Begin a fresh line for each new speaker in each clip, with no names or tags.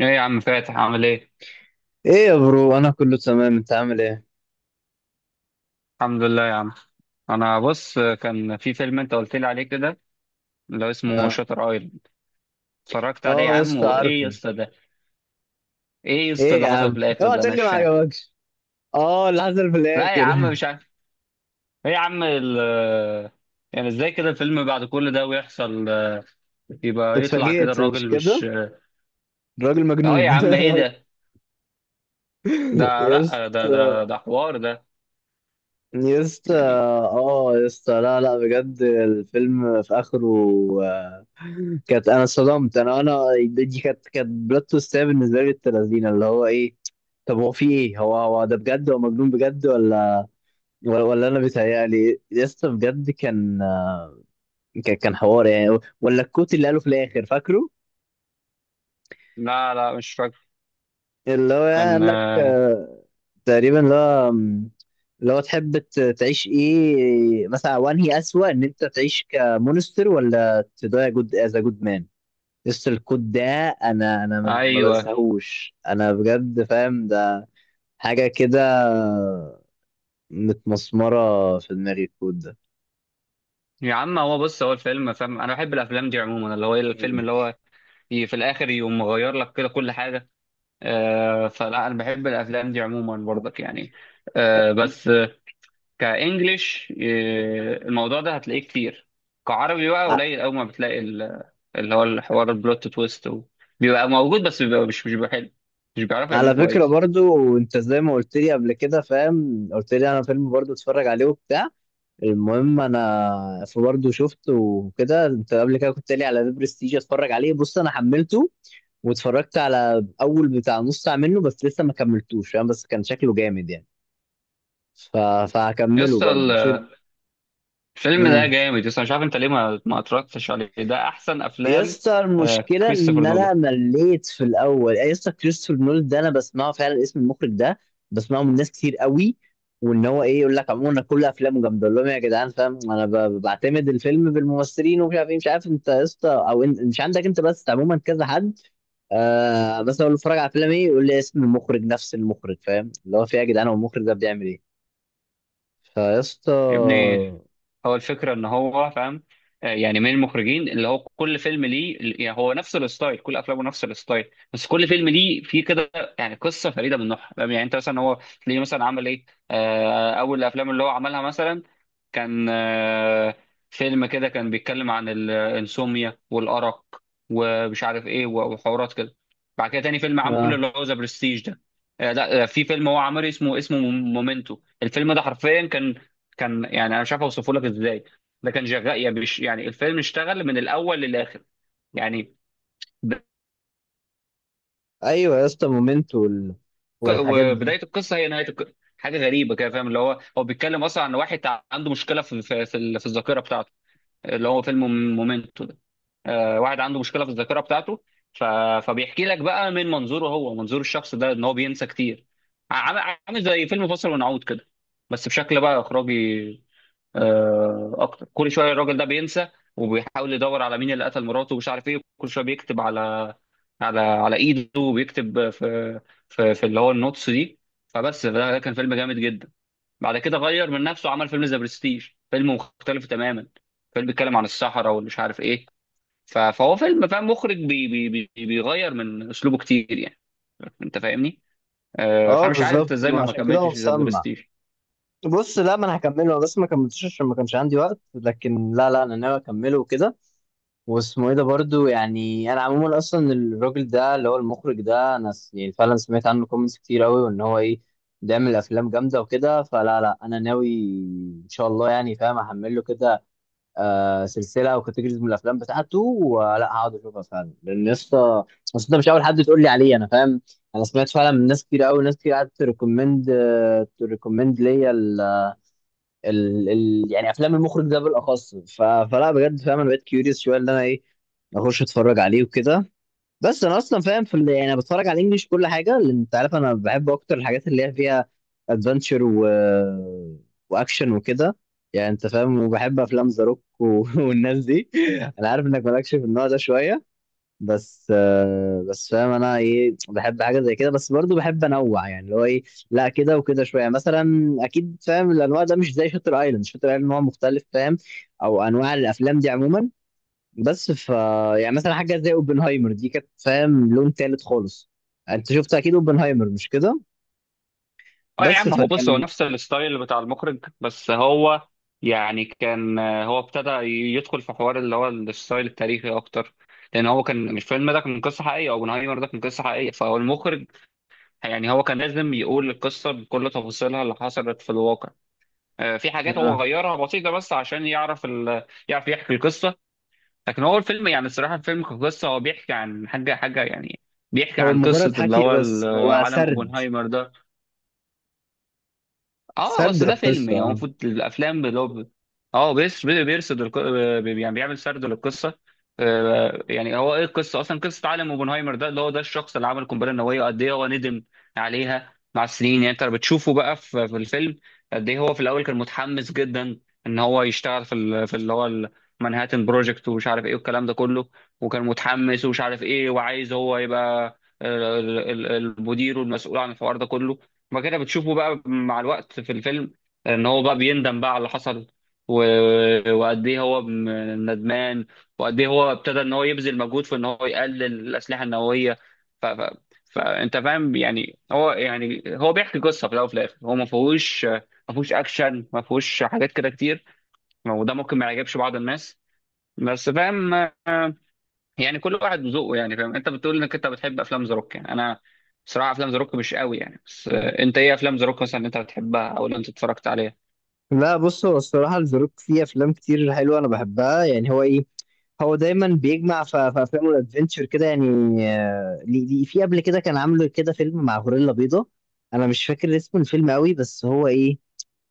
ايه يا عم فاتح عامل ايه؟
ايه يا برو، انا كله تمام، انت عامل ايه؟
الحمد لله يا عم. انا بص، كان في فيلم انت قلت لي عليه كده، اللي هو اسمه
اه.
شاتر ايلاند. اتفرجت عليه يا
اه يا
عم،
اسطى،
وايه يا
عارفه.
اسطى ده؟ ايه يا اسطى
ايه يا
اللي حصل في
عم،
الاخر
اوعى
ده؟ انا
تقول لي
مش
ما
فاهم.
عجبكش؟ اه، اللي حصل في
لا يا عم
الاخر.
مش عارف. ايه يا عم يعني ازاي كده الفيلم بعد كل ده ويحصل يبقى يطلع كده
اتفاجئت، مش
الراجل
كده؟
مش
الراجل
آه.
مجنون.
يا عم ايه ده؟ ده
يا
لا ده
اسطى.
ده ده حوار ده
يا اسطى،
يعني.
اه يا اسطى، لا لا بجد الفيلم في اخره آه، كانت، انا صدمت، انا. دي كانت بلوت تويستيه بالنسبه لي، التلازينه اللي هو ايه. طب هو في ايه، هو ده بجد هو مجنون بجد ولا، ولا انا بيتهيألي يا اسطى؟ بجد كان كان حوار يعني، ولا الكوت اللي قاله في الاخر فاكره؟
لا مش فاكر.
اللي هو يعني
كان
قال لك تقريبا اللي هو اللي هو تحب تعيش ايه مثلا، وانهي اسوأ، ان انت تعيش كمونستر ولا تضيع جود از جود مان. يس الكوت ده، انا ما
ايوه
بنساهوش، انا بجد فاهم ده، حاجه كده متمسمره في دماغي الكوت ده.
يا عم. هو بص، هو الفيلم، فاهم، انا بحب الافلام دي عموما، اللي هو الفيلم
مم.
اللي هو في الاخر يقوم مغير لك كده كل حاجه. آه فلا، انا بحب الافلام دي عموما برضك يعني. آه بس كانجليش آه الموضوع ده هتلاقيه كتير. كعربي بقى
ع-
قليل قوي، ما بتلاقي اللي هو الحوار البلوت تويست بيبقى موجود بس بيبقى مش بيبقى حلو. مش بيعرفوا يعملوا
على فكره
كويس.
برضو انت زي ما قلت لي قبل كده فاهم، قلت لي انا فيلم برضو اتفرج عليه وبتاع. المهم انا برضه شفته وكده، انت قبل كده كنت قايل لي على ذا برستيج اتفرج عليه. بص انا حملته واتفرجت على اول بتاع نص ساعه منه بس، لسه ما كملتوش فاهم، بس كان شكله جامد يعني. ف...
يا
فهكمله
اسطى
برضه مش.
الفيلم ده
امم
جامد يا اسطى. مش عارف انت ليه ما اتفرجتش عليه، ده احسن
يا
افلام.
اسطى
آه،
المشكله
كريستوفر
ان
نولان.
انا مليت في الاول يعني، يا اسطى كريستوفر نول ده انا بسمعه فعلا، اسم المخرج ده بسمعه من ناس كتير قوي، وان هو ايه، يقول لك عموما أنا كل افلامه جامده. اقول لهم يا جدعان فاهم، انا بعتمد الفيلم بالممثلين ومش عارف ايه، مش عارف انت يا اسطى او مش عندك انت، بس عموما كذا حد. آه بس اقول له اتفرج على فيلم، ايه يقول لي اسم المخرج نفس المخرج. فاهم اللي هو في إيه يا جدعان، هو المخرج ده بيعمل ايه؟ فيا اسطى.
يا ابني، هو الفكرة ان هو فاهم، يعني من المخرجين اللي هو كل فيلم ليه. يعني هو نفس الستايل، كل افلامه نفس الستايل، بس كل فيلم ليه فيه كده يعني قصة فريدة من نوعها، فاهم؟ يعني انت مثلا هو تلاقيه مثلا عمل ايه. اول الافلام اللي هو عملها مثلا كان فيلم كده كان بيتكلم عن الانسوميا والأرق ومش عارف ايه وحوارات كده. بعد كده تاني فيلم عمله
اه
اللي هو ذا برستيج ده. آه، لا آه، في فيلم هو عامل اسمه مومنتو. الفيلم ده حرفيا كان، كان، يعني انا مش عارف اوصفه لك ازاي. ده كان شغال يعني، يعني الفيلم اشتغل من الاول للاخر، يعني ب-
ايوه يا اسطى مومنتو والحاجات دي.
وبدايه القصه هي نهايه القصه، حاجه غريبه كده، فاهم؟ اللي هو هو بيتكلم اصلا عن واحد عنده مشكله في في الذاكره بتاعته، اللي هو فيلم مومنتو ده. واحد عنده مشكله في الذاكره بتاعته. ف... فبيحكي لك بقى من منظوره هو، منظور الشخص ده، ان هو بينسى كتير. عامل عامل زي فيلم فاصل ونعود كده، بس بشكل بقى اخراجي اكتر. كل شويه الراجل ده بينسى وبيحاول يدور على مين اللي قتل مراته ومش عارف ايه. كل شويه بيكتب على على ايده، وبيكتب في في اللي هو النوتس دي. فبس ده، ده كان فيلم جامد جدا. بعد كده غير من نفسه وعمل فيلم ذا برستيج، فيلم مختلف تماما. فيلم بيتكلم عن الصحراء والمش عارف ايه. فهو فيلم، فاهم، مخرج بي بي بي بيغير من اسلوبه كتير يعني، انت فاهمني.
اه
فانا مش عارف انت
بالظبط،
ازاي
ما
ما
عشان كده هو
كملتش ذا
مسمع.
برستيج.
بص لا، ما انا هكمله، انا بس ما كملتوش عشان ما كانش عندي وقت، لكن لا لا انا ناوي اكمله وكده. واسمه ايه ده برضو يعني، انا عموما اصلا الراجل ده اللي هو المخرج ده انا يعني فعلا سمعت عنه كومنتس كتير قوي، وان هو ايه بيعمل افلام جامده وكده. فلا لا انا ناوي ان شاء الله يعني فاهم، احمله كده آه سلسله او كاتيجوريز من الافلام بتاعته، ولا هقعد اشوفها فعلا، لان يا اسطى بس انت مش اول حد تقول لي عليه انا فاهم. انا سمعت فعلا من ناس كتير قوي، ناس كتير قعدت تريكومند، ليا ال يعني افلام المخرج ده بالاخص. فلا بجد فاهم انا بقيت كيوريوس شويه ان انا ايه، اخش اتفرج عليه وكده. بس انا اصلا فاهم في يعني انا بتفرج على الانجليش كل حاجه، لان انت عارف انا بحب اكتر الحاجات اللي هي فيها ادفنتشر واكشن وكده، يعني انت فاهم. وبحب افلام ذا روك و... والناس دي. انا عارف انك مالكش في النوع ده شويه، بس بس فاهم انا ايه، بحب حاجه زي كده، بس برضو بحب انوع يعني اللي هو ايه، لا كده وكده شويه مثلا، اكيد فاهم الانواع ده مش زي شاتر ايلاند. شاتر ايلاند نوع مختلف فاهم، او انواع الافلام دي عموما. بس ف، يعني مثلا حاجه زي اوبنهايمر دي كانت فاهم لون تالت خالص. انت شفت اكيد اوبنهايمر، مش كده؟
اه يا
بس
عم، هو بص، هو
فكان.
نفس الستايل بتاع المخرج، بس هو يعني كان هو ابتدى يدخل في حوار اللي هو الستايل التاريخي اكتر، لان هو كان الفيلم ده كان قصه حقيقيه. اوبنهايمر ده كان قصه حقيقيه، فهو المخرج يعني هو كان لازم يقول القصه بكل تفاصيلها اللي حصلت في الواقع. في حاجات
آه.
هو غيرها بسيطه، بس عشان يعرف يعرف يحكي القصه. لكن هو الفيلم، يعني الصراحه، الفيلم كقصه هو بيحكي عن حاجه يعني، بيحكي
هو
عن
مجرد
قصه اللي
حكي،
هو
بس هو
عالم
سرد،
اوبنهايمر ده. اه
سرد
بس ده فيلم
القصه
يعني هو
آه.
المفروض الافلام اللي هو بيرصد يعني بيعمل سرد للقصه. يعني هو ايه القصه اصلا؟ قصه عالم اوبنهايمر ده، اللي هو ده الشخص اللي عمل القنبله النوويه، وقد ايه هو ندم عليها مع السنين. يعني انت بتشوفه بقى في في الفيلم قد ايه هو في الاول كان متحمس جدا ان هو يشتغل في في اللي هو المنهاتن بروجكت ومش عارف ايه والكلام ده كله. وكان متحمس ومش عارف ايه وعايز هو يبقى المدير والمسؤول عن الحوار ده كله. بعد كده بتشوفه بقى مع الوقت في الفيلم ان هو بقى بيندم بقى على اللي حصل، وقد ايه هو ندمان، وقد ايه هو ابتدى ان هو يبذل مجهود في ان هو يقلل الاسلحه النوويه. ف... ف... فانت فاهم يعني، هو بيحكي قصه في الاول وفي الاخر هو ما فيهوش، ما فيهوش اكشن، ما فيهوش حاجات كده كتير، وده ممكن ما يعجبش بعض الناس. بس فاهم يعني كل واحد وذوقه. يعني فاهم، انت بتقول انك انت بتحب افلام ذا روك، يعني انا بصراحه افلام ذا روك مش قوي يعني. بس آه، انت ايه افلام ذا روك مثلا اللي انت بتحبها او اللي انت اتفرجت عليها؟
لا بص، هو الصراحه الزروك فيه افلام كتير حلوه انا بحبها، يعني هو ايه، هو دايما بيجمع في افلامه الادفنتشر كده يعني. في قبل كده كان عامل كده فيلم مع غوريلا بيضاء، انا مش فاكر اسم الفيلم قوي، بس هو ايه،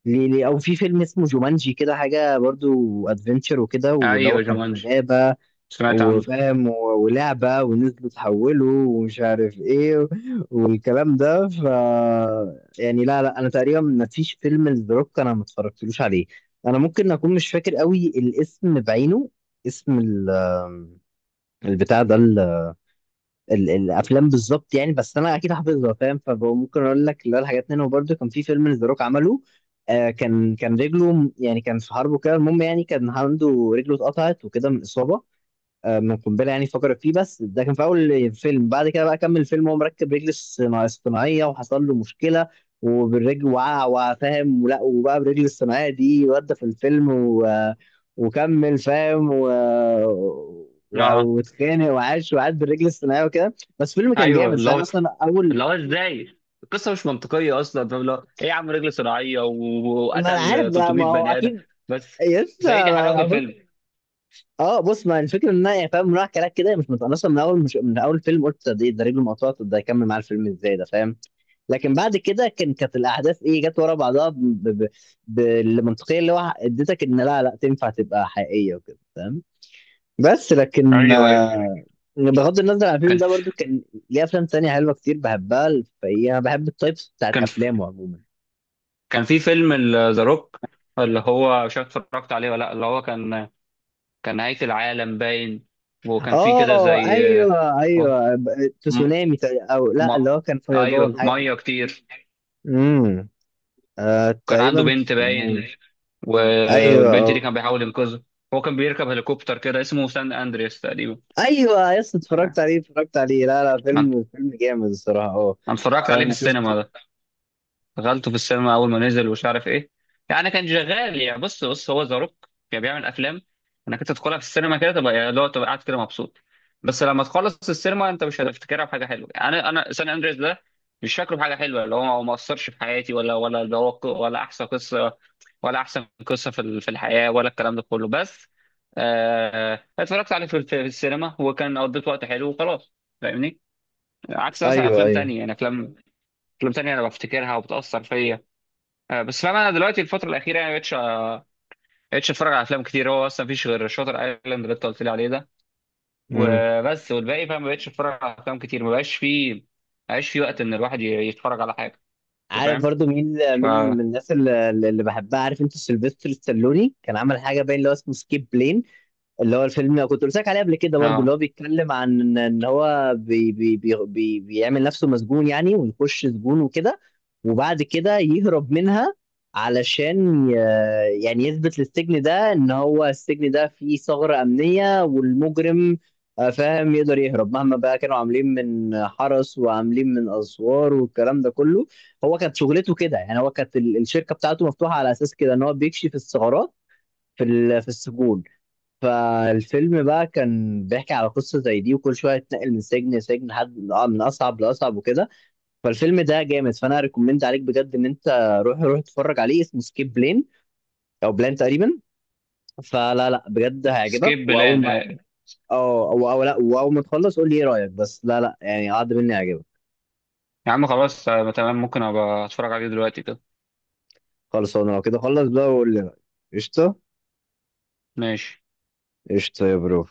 ليه ليه او في فيلم اسمه جومانجي كده حاجه، برضو ادفنتشر وكده، واللي هو
ايوه،
كان في
جومانجي،
غابه
سمعت عنه.
وفاهم، ولعبه ونزلوا تحولوا ومش عارف ايه والكلام ده. ف يعني لا لا، انا تقريبا ما فيش فيلم لدروك انا ما اتفرجتلوش عليه. انا ممكن اكون مش فاكر قوي الاسم بعينه، اسم البتاع ده، الافلام بالظبط يعني، بس انا اكيد حافظها فاهم. فممكن اقول لك اللي هو الحاجات منهم، برضه كان في فيلم ذا روك عمله آه، كان كان رجله يعني كان في حرب وكده، المهم يعني كان عنده رجله اتقطعت وكده من اصابه من قنبله يعني فقرت فيه. بس ده كان في اول فيلم، بعد كده بقى كمل الفيلم وهو مركب رجل اصطناعيه، وحصل له مشكله وبالرجل وقع وفاهم، ولا وبقى بالرجل الصناعيه دي ودى في الفيلم و... وكمل فاهم و... و...
اه
واتخانق وعاش وقعد بالرجل الصناعيه وكده. بس الفيلم كان جامد،
ايوه،
بس
اللي
انا
هو،
اصلا اول
اللي هو ازاي القصه مش منطقيه اصلا، فاهم؟ اللي هو ايه يا عم، رجل صناعيه
ما. انا عارف
وقتل
ده، ما
300
هو
بني ادم.
اكيد.
بس
يس.
بس هي دي حلاوه الفيلم.
اه بص، ما الفكره ان انا يعني فاهم رايح كلام كده مش انا اصلا من اول، مش من اول فيلم قلت ده ده رجله مقطوعه، طب ده هيكمل معاه الفيلم ازاي ده فاهم. لكن بعد كده كان، كانت الاحداث ايه جت ورا بعضها ب... بالمنطقيه اللي هو اديتك ان لا لا تنفع تبقى حقيقيه وكده فاهم. بس لكن
ايوه ايوه.
بغض النظر عن الفيلم
كان
ده برضو كان ليه افلام تانية حلوه كتير بحبها، فهي انا بحب التايبس بتاعت
كان
افلامه عموما.
كان في فيلم ذا روك اللي هو مش عارف اتفرجت عليه ولا لا، اللي هو كان، كان نهاية العالم باين، وكان في كده
اه
زي
ايوه
آه،
ايوه،
م...
تسونامي او لا، اللي
ما...
هو كان
ايوه،
فيضان حاجه.
ميه كتير.
امم آه
كان عنده
تقريبا
بنت باين،
تسونامي. ايوه،
والبنت دي
اه
كان بيحاول ينقذها. هو كان بيركب هليكوبتر كده اسمه سان اندرياس تقريبا.
ايوه، يس اتفرجت عليه، اتفرجت عليه، لا لا
انا
فيلم، فيلم جامد الصراحه، اه.
أنا اتفرجت عليه في
فاهم شفت.
السينما ده، دخلته في السينما اول ما نزل ومش عارف ايه. يعني كان شغال يعني. بص هو ذا روك كان بيعمل افلام انك انت تدخلها في السينما كده تبقى يعني لو تبقى قاعد كده مبسوط، بس لما تخلص السينما انت مش هتفتكرها بحاجه حلوه يعني. انا سان اندريس ده مش فاكره بحاجه حلوه، اللي هو هو ما اثرش في حياتي ولا اللي هو ولا احسن قصه في في الحياه ولا الكلام ده كله. بس آه، اتفرجت عليه في في السينما وكان قضيت وقت حلو وخلاص، فاهمني؟ عكس مثلا
ايوه
افلام
ايوه.
تانية، يعني افلام، افلام تانية انا بفتكرها وبتاثر فيا. بس فاهم، انا دلوقتي الفتره الاخيره يعني مبقتش اتفرج على افلام كتير. هو اصلا مفيش غير شاطر ايلاند اللي انت قلت لي عليه ده،
امم
وبس. والباقي فاهم مبقتش اتفرج على افلام كتير، مبقاش فيه وقت ان الواحد يتفرج على حاجه، انت
عارف
فاهم.
برضو مين
ف
مين من الناس اللي بحبها، عارف انت سيلفستر ستالوني كان عمل حاجه باين اللي هو اسمه سكيب بلين. اللي هو الفيلم كنت قلت لك عليه قبل كده برضو، اللي
اه
هو بيتكلم عن ان هو بي بيعمل نفسه مسجون يعني، ويخش سجون وكده، وبعد كده يهرب منها، علشان يعني يثبت للسجن ده ان هو السجن ده فيه ثغرة أمنية، والمجرم فاهم يقدر يهرب مهما بقى كانوا عاملين من حرس، وعاملين من اسوار والكلام ده كله. هو كانت شغلته كده يعني، هو كانت الشركة بتاعته مفتوحة على اساس كده ان هو بيكشف الثغرات في في السجون. فالفيلم بقى كان بيحكي على قصة زي دي، وكل شوية تنقل من سجن لسجن لحد من أصعب لأصعب وكده. فالفيلم ده جامد، فأنا ريكومند عليك بجد، إن أنت روح روح اتفرج عليه، اسمه سكيب بلين، أو بلان تقريبا. فلا لا بجد هيعجبك،
سكيب
وأول
بلان،
ما.
آه،
أه أو، لا، وأول ما تخلص قول لي إيه رأيك، بس لا لا يعني عاد مني هيعجبك.
يا عم خلاص آه، تمام، ممكن ابقى اتفرج عليه دلوقتي كده.
خلاص أنا لو كده، خلص بقى وقول لي رأيك. قشطة.
ماشي.
قشطة يا برو.